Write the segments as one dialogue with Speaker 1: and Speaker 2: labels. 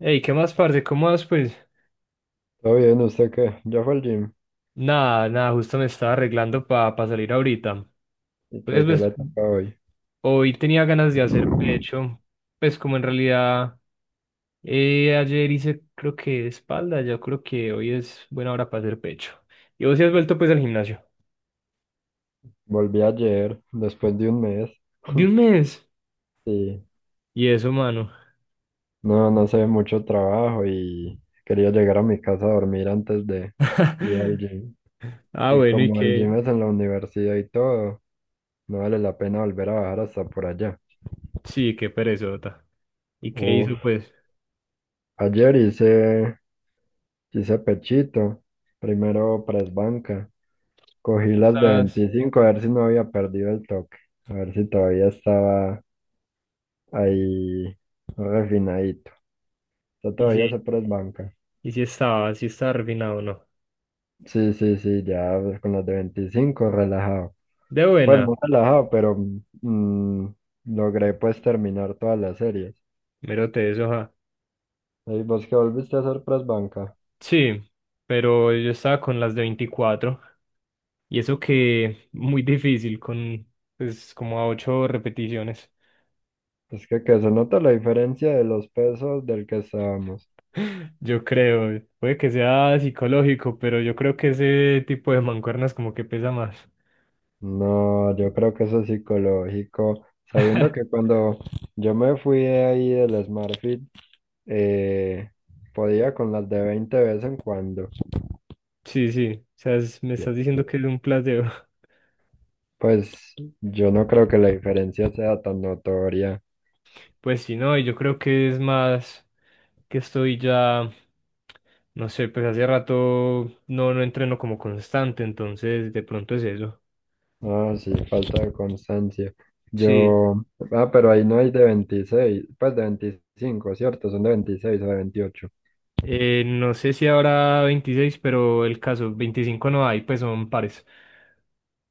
Speaker 1: Ey, ¿qué más, parce? ¿Cómo vas, pues?
Speaker 2: Todo bien, ¿usted qué? Yo fui al gym
Speaker 1: Nada, nada, justo me estaba arreglando para salir ahorita.
Speaker 2: y
Speaker 1: Pues,
Speaker 2: que
Speaker 1: pues,
Speaker 2: le toca hoy.
Speaker 1: hoy tenía ganas de hacer pecho. Pues, como en realidad, ayer hice, creo que espalda, yo creo que hoy es buena hora para hacer pecho. ¿Y vos sí has vuelto, pues, al gimnasio?
Speaker 2: Volví ayer, después de un mes.
Speaker 1: ¿De un mes?
Speaker 2: Sí,
Speaker 1: ¿Y eso, mano?
Speaker 2: no, no sé, mucho trabajo y quería llegar a mi casa a dormir antes de ir al gym.
Speaker 1: Ah,
Speaker 2: Y
Speaker 1: bueno, ¿y
Speaker 2: como el gym
Speaker 1: qué?
Speaker 2: es en la universidad y todo, no vale la pena volver a bajar hasta por allá.
Speaker 1: Sí, qué perezota. ¿Y qué
Speaker 2: Uf,
Speaker 1: hizo, pues?
Speaker 2: ayer hice pechito, primero press banca, cogí
Speaker 1: ¿Cuánto
Speaker 2: las de
Speaker 1: estabas?
Speaker 2: 25 a ver si no había perdido el toque, a ver si todavía estaba ahí, refinadito. Yo
Speaker 1: Y
Speaker 2: todavía se
Speaker 1: sí,
Speaker 2: banca.
Speaker 1: y sí estaba refinado, ¿no?
Speaker 2: Sí, sí, sí, ya con los de 25 relajado.
Speaker 1: De
Speaker 2: Pues
Speaker 1: buena,
Speaker 2: no relajado, pero mm, logré pues terminar todas las series.
Speaker 1: mero te eso, ja.
Speaker 2: ¿Y vos que volviste a hacer press banca?
Speaker 1: Sí, pero yo estaba con las de 24 y eso que muy difícil con pues como a 8 repeticiones.
Speaker 2: Es que se nota la diferencia de los pesos del que estábamos.
Speaker 1: Yo creo, puede que sea psicológico, pero yo creo que ese tipo de mancuernas como que pesa más.
Speaker 2: No, yo creo que eso es psicológico. Sabiendo que cuando yo me fui de ahí del SmartFit, eh, podía con las de 20 de vez en cuando.
Speaker 1: Sí, sí, o sea, me estás
Speaker 2: Yo,
Speaker 1: diciendo
Speaker 2: yo-
Speaker 1: que es un placebo.
Speaker 2: Pues yo no creo que la diferencia sea tan notoria.
Speaker 1: Pues sí, no, y yo creo que es más que estoy ya, no sé, pues hace rato no entreno como constante, entonces de pronto es eso.
Speaker 2: Ah, sí, falta de constancia.
Speaker 1: Sí.
Speaker 2: Yo, pero ahí no hay de 26 pues de veinticinco, ¿cierto? Son de 26 o de veintiocho.
Speaker 1: No sé si habrá 26, pero el caso, 25 no hay, pues son pares.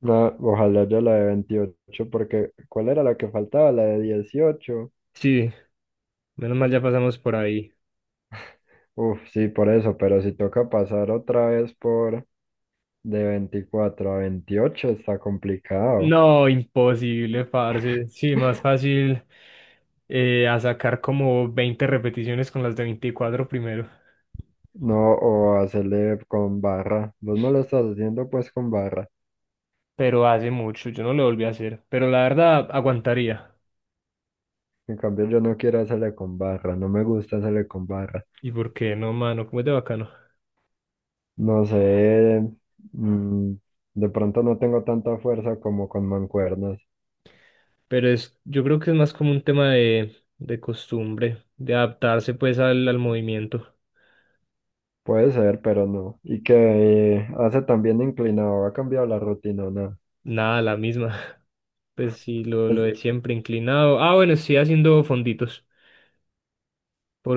Speaker 2: No, ojalá yo la de 28 porque ¿cuál era la que faltaba? La de dieciocho.
Speaker 1: Sí, menos mal ya pasamos por ahí.
Speaker 2: Uf, sí, por eso, pero si toca pasar otra vez por de 24 a 28 está complicado.
Speaker 1: No, imposible, parce. Sí, más fácil a sacar como 20 repeticiones con las de 24 primero.
Speaker 2: No, o hacerle con barra. Vos no lo estás haciendo pues con barra.
Speaker 1: Pero hace mucho, yo no lo volví a hacer. Pero la verdad, aguantaría.
Speaker 2: En cambio, yo no quiero hacerle con barra, no me gusta hacerle con barra.
Speaker 1: ¿Y por qué no, mano? Como es de bacano.
Speaker 2: No sé, mm, de pronto no tengo tanta fuerza como con mancuernas.
Speaker 1: Pero es, yo creo que es más como un tema de costumbre, de adaptarse pues al movimiento.
Speaker 2: Puede ser, pero no. Y que hace también inclinado, ha cambiado la rutina, o nada.
Speaker 1: Nada, la misma. Pues sí, lo
Speaker 2: Es-
Speaker 1: de siempre inclinado. Ah, bueno, estoy haciendo fonditos.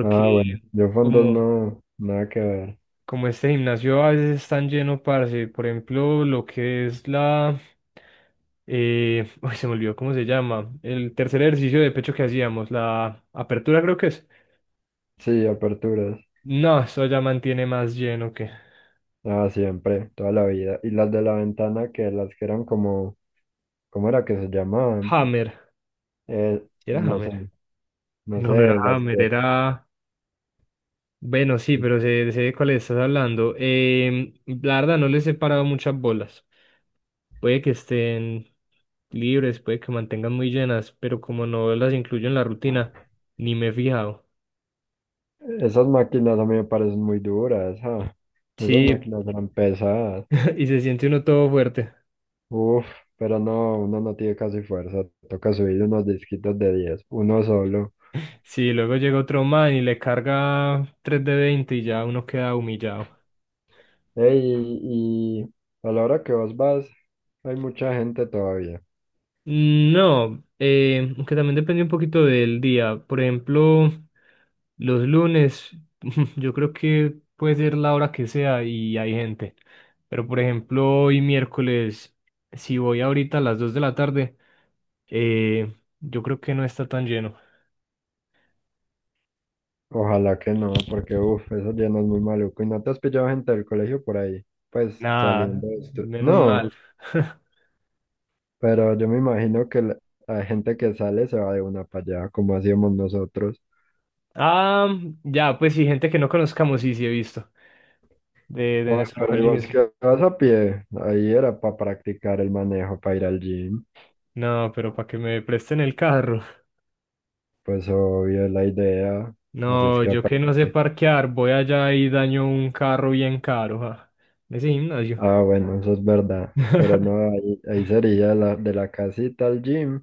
Speaker 2: ah, bueno, yo fondos
Speaker 1: como,
Speaker 2: no, nada que ver.
Speaker 1: como este gimnasio a veces es tan lleno, parce. Por ejemplo, lo que es la. Uy, se me olvidó cómo se llama. El tercer ejercicio de pecho que hacíamos, la apertura creo que es.
Speaker 2: Sí, aperturas.
Speaker 1: No, eso ya mantiene más lleno que.
Speaker 2: Ah, siempre, toda la vida. Y las de la ventana, que las que eran como, ¿cómo era que se llamaban?
Speaker 1: Hammer.
Speaker 2: Eh,
Speaker 1: ¿Sí era
Speaker 2: no sé,
Speaker 1: Hammer?
Speaker 2: no
Speaker 1: No, no era
Speaker 2: sé, las
Speaker 1: Hammer,
Speaker 2: que.
Speaker 1: era. Bueno, sí, pero sé de cuál estás hablando. La verdad, no les he parado muchas bolas. Puede que estén libres, puede que mantengan muy llenas, pero como no las incluyo en la rutina, ni me he fijado.
Speaker 2: Esas máquinas a mí me parecen muy duras, ah. Esas
Speaker 1: Sí,
Speaker 2: máquinas eran pesadas.
Speaker 1: y se siente uno todo fuerte.
Speaker 2: Uf, pero no, uno no tiene casi fuerza. Toca subir unos disquitos de 10, uno solo.
Speaker 1: Sí, luego llega otro man y le carga 3 de 20 y ya uno queda humillado.
Speaker 2: Ey, y a la hora que vos vas, hay mucha gente todavía.
Speaker 1: Mm, no, aunque también depende un poquito del día. Por ejemplo, los lunes, yo creo que puede ser la hora que sea y hay gente. Pero por ejemplo, hoy miércoles, si voy ahorita a las 2 de la tarde, Eh, yo creo que no está tan lleno.
Speaker 2: Ojalá que no, porque uf, eso ya no es muy maluco. ¿Y no te has pillado gente del colegio por ahí? Pues
Speaker 1: Nada,
Speaker 2: saliendo de esto.
Speaker 1: menos
Speaker 2: No,
Speaker 1: mal.
Speaker 2: pero yo me imagino que la gente que sale se va de una para allá, como hacíamos nosotros.
Speaker 1: Ah, ya, pues sí, gente que no conozcamos, sí, sí he visto. De
Speaker 2: Bueno,
Speaker 1: nuestro
Speaker 2: pero ¿y
Speaker 1: colegio,
Speaker 2: vos
Speaker 1: sí.
Speaker 2: qué vas a pie? Ahí era para practicar el manejo, para ir al gym.
Speaker 1: No, pero para que me presten el carro.
Speaker 2: Pues obvio es la idea, así es
Speaker 1: No,
Speaker 2: que
Speaker 1: yo que no sé
Speaker 2: aprende.
Speaker 1: parquear, voy allá y daño un carro bien caro, ja. Ese gimnasio.
Speaker 2: Ah, bueno, eso es verdad. Pero no, ahí sería de la casita al gym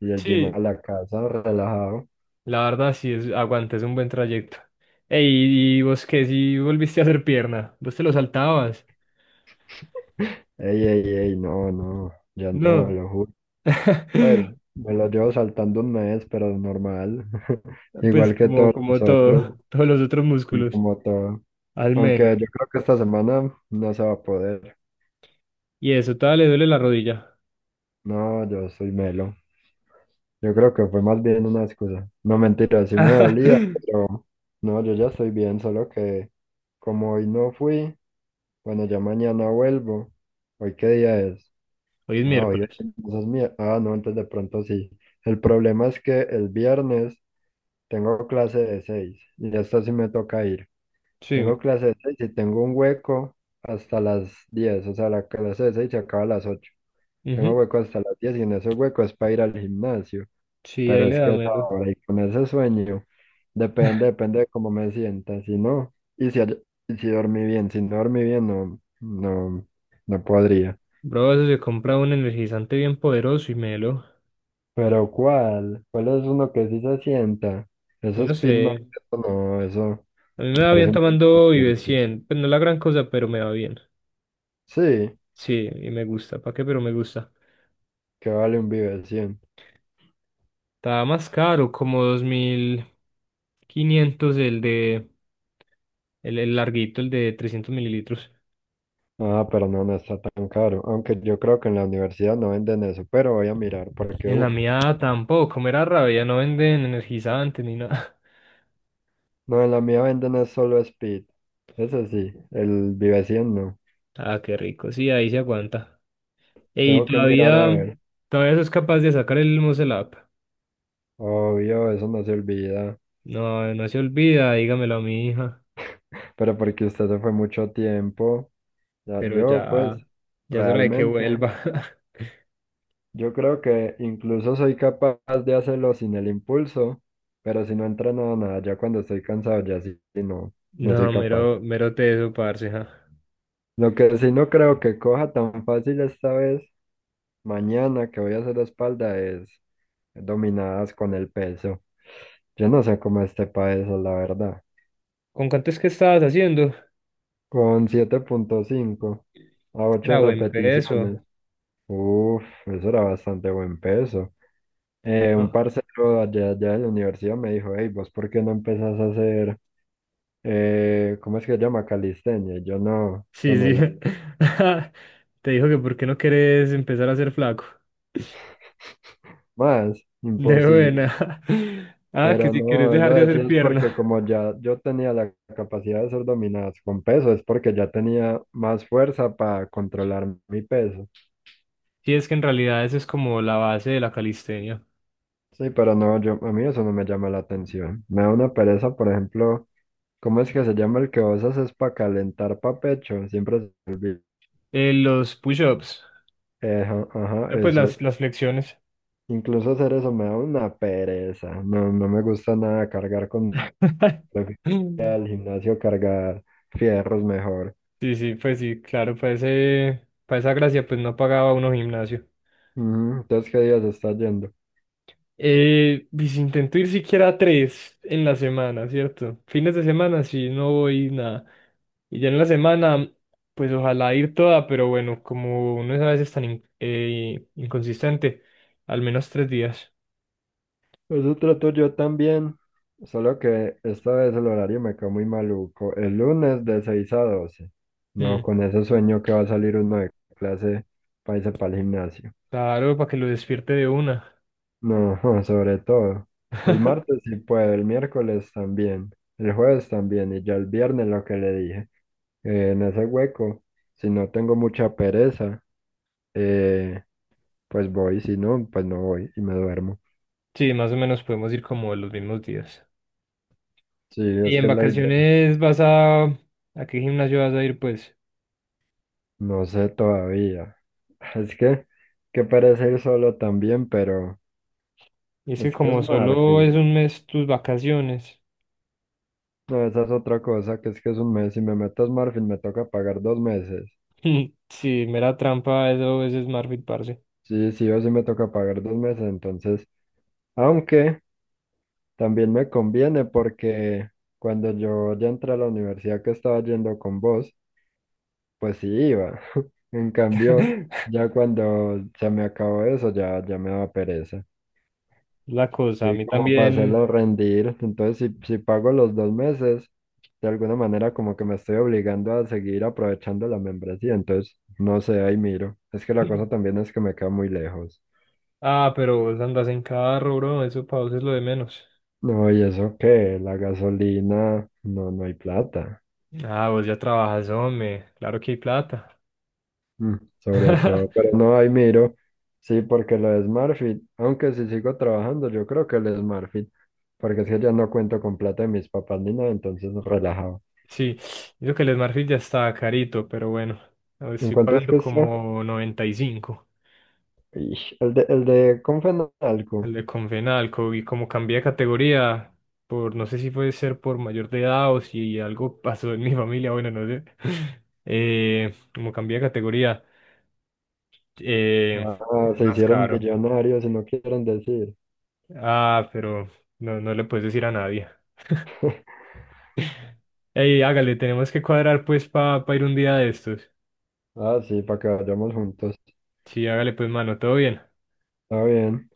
Speaker 2: y del gym a
Speaker 1: Sí,
Speaker 2: la casa, relajado.
Speaker 1: la verdad sí, es, aguanta, es un buen trayecto. Ey, ¿y vos qué? Si volviste a hacer pierna, vos te lo saltabas.
Speaker 2: Ey, ey, ey, no, no, ya no,
Speaker 1: No.
Speaker 2: lo juro. Pues me lo llevo saltando un mes, pero es normal,
Speaker 1: Pues
Speaker 2: igual que
Speaker 1: como,
Speaker 2: todos
Speaker 1: como
Speaker 2: nosotros
Speaker 1: todo, todos los otros
Speaker 2: y
Speaker 1: músculos,
Speaker 2: como todo.
Speaker 1: al
Speaker 2: Aunque
Speaker 1: menos.
Speaker 2: yo creo que esta semana no se va a poder.
Speaker 1: Y eso, todavía le duele la rodilla.
Speaker 2: No, yo soy melo. Yo creo que fue más bien una excusa. No, mentira, sí me dolía, pero no, yo ya estoy bien, solo que como hoy no fui, bueno, ya mañana vuelvo. ¿Hoy qué día es?
Speaker 1: Hoy es
Speaker 2: Ah, hoy es
Speaker 1: miércoles.
Speaker 2: entonces mi- Ah, no, entonces de pronto sí. El problema es que el viernes tengo clase de seis y hasta sí me toca ir.
Speaker 1: Sí,
Speaker 2: Tengo clase de seis y tengo un hueco hasta las diez, o sea, la clase de seis se acaba a las ocho. Tengo
Speaker 1: ujú.
Speaker 2: hueco hasta las 10 y en ese hueco es para ir al gimnasio.
Speaker 1: Sí, ahí
Speaker 2: Pero
Speaker 1: le
Speaker 2: es que
Speaker 1: da
Speaker 2: hasta
Speaker 1: melo.
Speaker 2: ahora y con ese sueño, depende de cómo me sienta. Si no, y si dormí bien, si no dormí bien, no, no, no podría.
Speaker 1: Bro, eso se compra un energizante bien poderoso y melo.
Speaker 2: Pero ¿cuál? ¿Cuál es uno que sí se sienta?
Speaker 1: Yo
Speaker 2: Eso
Speaker 1: no
Speaker 2: es pitman,
Speaker 1: sé.
Speaker 2: eso no, eso
Speaker 1: A mí me va
Speaker 2: parece
Speaker 1: bien
Speaker 2: un
Speaker 1: tomando Vive
Speaker 2: chuchi.
Speaker 1: 100. Pues no es la gran cosa, pero me va bien.
Speaker 2: Sí,
Speaker 1: Sí, y me gusta. ¿Para qué? Pero me gusta.
Speaker 2: que vale un Vive 100.
Speaker 1: Estaba más caro, como 2.500 el de... el larguito, el de 300 mililitros.
Speaker 2: Ah, pero no, no está tan caro. Aunque yo creo que en la universidad no venden eso, pero voy a mirar porque,
Speaker 1: En la
Speaker 2: uff,
Speaker 1: mía tampoco, me da rabia, no venden energizantes ni nada.
Speaker 2: no, en la mía venden es solo Speed. Eso sí, el Vive 100 no.
Speaker 1: Ah, qué rico, sí, ahí se aguanta. Y
Speaker 2: Tengo que mirar a
Speaker 1: todavía,
Speaker 2: ver.
Speaker 1: todavía sos capaz de sacar el Mosel App.
Speaker 2: Obvio, eso no se olvida.
Speaker 1: No, no se olvida, dígamelo a mi hija.
Speaker 2: Pero porque usted se fue mucho tiempo. Ya
Speaker 1: Pero
Speaker 2: yo, pues,
Speaker 1: ya, ya es hora de que
Speaker 2: realmente,
Speaker 1: vuelva.
Speaker 2: yo creo que incluso soy capaz de hacerlo sin el impulso, pero si no entreno nada, ya cuando estoy cansado, ya sí, sí no, no
Speaker 1: No,
Speaker 2: soy capaz.
Speaker 1: mero, mero teso, parce. Ja.
Speaker 2: Lo que sí no creo que coja tan fácil esta vez, mañana que voy a hacer espalda, es dominadas con el peso. Yo no sé cómo este país, la verdad.
Speaker 1: ¿Con cuánto es que estabas haciendo?
Speaker 2: Con siete punto cinco a 8
Speaker 1: Era buen peso.
Speaker 2: repeticiones. Uf, eso era bastante buen peso. Un
Speaker 1: Ah,
Speaker 2: parcero allá, de la universidad me dijo, hey, ¿vos por qué no empezás a hacer, cómo es que se llama? Calistenia. Y yo no, eso
Speaker 1: sí,
Speaker 2: no es lo
Speaker 1: sí. Te dijo que por qué no querés empezar a ser flaco.
Speaker 2: más,
Speaker 1: De
Speaker 2: imposible.
Speaker 1: buena. Ah, que
Speaker 2: Pero
Speaker 1: si quieres
Speaker 2: no, él
Speaker 1: dejar
Speaker 2: lo
Speaker 1: de
Speaker 2: decía
Speaker 1: hacer
Speaker 2: es porque
Speaker 1: pierna.
Speaker 2: como ya yo tenía la capacidad de ser dominadas con peso, es porque ya tenía más fuerza para controlar mi peso.
Speaker 1: Sí, es que en realidad esa es como la base de la calistenia.
Speaker 2: Sí, pero no, a mí eso no me llama la atención. Me da una pereza, por ejemplo, ¿cómo es que se llama el que vos haces para calentar pa' pecho? Siempre se me olvida.
Speaker 1: Los push-ups,
Speaker 2: Eja, ajá,
Speaker 1: pues
Speaker 2: esos.
Speaker 1: las flexiones.
Speaker 2: Incluso hacer eso me da una pereza. No, no me gusta nada cargar con. Prefiero ir al gimnasio cargar fierros mejor.
Speaker 1: Sí, sí, pues sí, claro, para ese, para esa gracia pues no pagaba uno gimnasio.
Speaker 2: Ujú, entonces, ¿qué día se está yendo?
Speaker 1: Y si intento ir siquiera 3 en la semana, ¿cierto? Fines de semana sí, no voy nada. Y ya en la semana, pues ojalá ir toda, pero bueno, como uno es a veces tan inconsistente, al menos 3 días.
Speaker 2: Nosotros tú, yo también, solo que esta vez el horario me quedó muy maluco. El lunes de 6 a doce. No,
Speaker 1: Mm,
Speaker 2: con ese sueño que va a salir uno de clase para irse para el gimnasio.
Speaker 1: claro, para que lo despierte de una.
Speaker 2: No, sobre todo. El martes sí puedo, el miércoles también, el jueves también, y ya el viernes lo que le dije. En ese hueco, si no tengo mucha pereza, eh, pues voy, si no, pues no voy y me duermo.
Speaker 1: Sí, más o menos podemos ir como los mismos días.
Speaker 2: Sí,
Speaker 1: Y
Speaker 2: es
Speaker 1: en
Speaker 2: que es la idea.
Speaker 1: vacaciones vas a... ¿A qué gimnasio vas a ir, pues?
Speaker 2: No sé todavía. Es que parece ir solo también, pero
Speaker 1: Y es que
Speaker 2: es que es
Speaker 1: como solo
Speaker 2: Marfil.
Speaker 1: es 1 mes tus vacaciones.
Speaker 2: No, esa es otra cosa, que es un mes. Si me meto a Marfil, me toca pagar dos meses.
Speaker 1: Sí, mera trampa, eso es Smartfit, parce.
Speaker 2: Sí, sí o sí me toca pagar dos meses, entonces. Aunque también me conviene porque cuando yo ya entré a la universidad que estaba yendo con vos, pues sí iba. En cambio, ya cuando se me acabó eso, ya, ya me daba pereza.
Speaker 1: Es la cosa, a
Speaker 2: Y
Speaker 1: mí
Speaker 2: como para
Speaker 1: también.
Speaker 2: hacerlo rendir. Entonces, si pago los dos meses, de alguna manera como que me estoy obligando a seguir aprovechando la membresía. Entonces, no sé, ahí miro. Es que la cosa también es que me queda muy lejos.
Speaker 1: Ah, pero vos andas en carro, bro, eso para vos es lo de menos.
Speaker 2: No, y eso que la gasolina, no, no hay plata.
Speaker 1: Ah, vos ya trabajas, hombre, claro que hay plata.
Speaker 2: Sobre todo, pero no, ahí miro. Sí, porque lo de SmartFit, aunque si sigo trabajando, yo creo que el SmartFit, porque es que ya no cuento con plata de mis papás ni nada, entonces relajado.
Speaker 1: Sí, digo que el Smartfit ya está carito, pero bueno, a ver,
Speaker 2: ¿En
Speaker 1: estoy
Speaker 2: cuánto es
Speaker 1: pagando
Speaker 2: que está?
Speaker 1: como 95.
Speaker 2: Ish, el de Confenalco.
Speaker 1: El de Confenalco, y como cambié de categoría, por no sé si puede ser por mayor de edad o si algo pasó en mi familia, bueno, no sé. Como cambié de categoría. Eh,
Speaker 2: Ah,
Speaker 1: es
Speaker 2: se
Speaker 1: más
Speaker 2: hicieron
Speaker 1: caro.
Speaker 2: millonarios y no quieren decir.
Speaker 1: Ah, pero no, no le puedes decir a nadie. Ey, hágale, tenemos que cuadrar pues para ir un día de estos.
Speaker 2: Ah, sí, para que vayamos juntos.
Speaker 1: Sí, hágale pues, mano, todo bien.
Speaker 2: Está bien.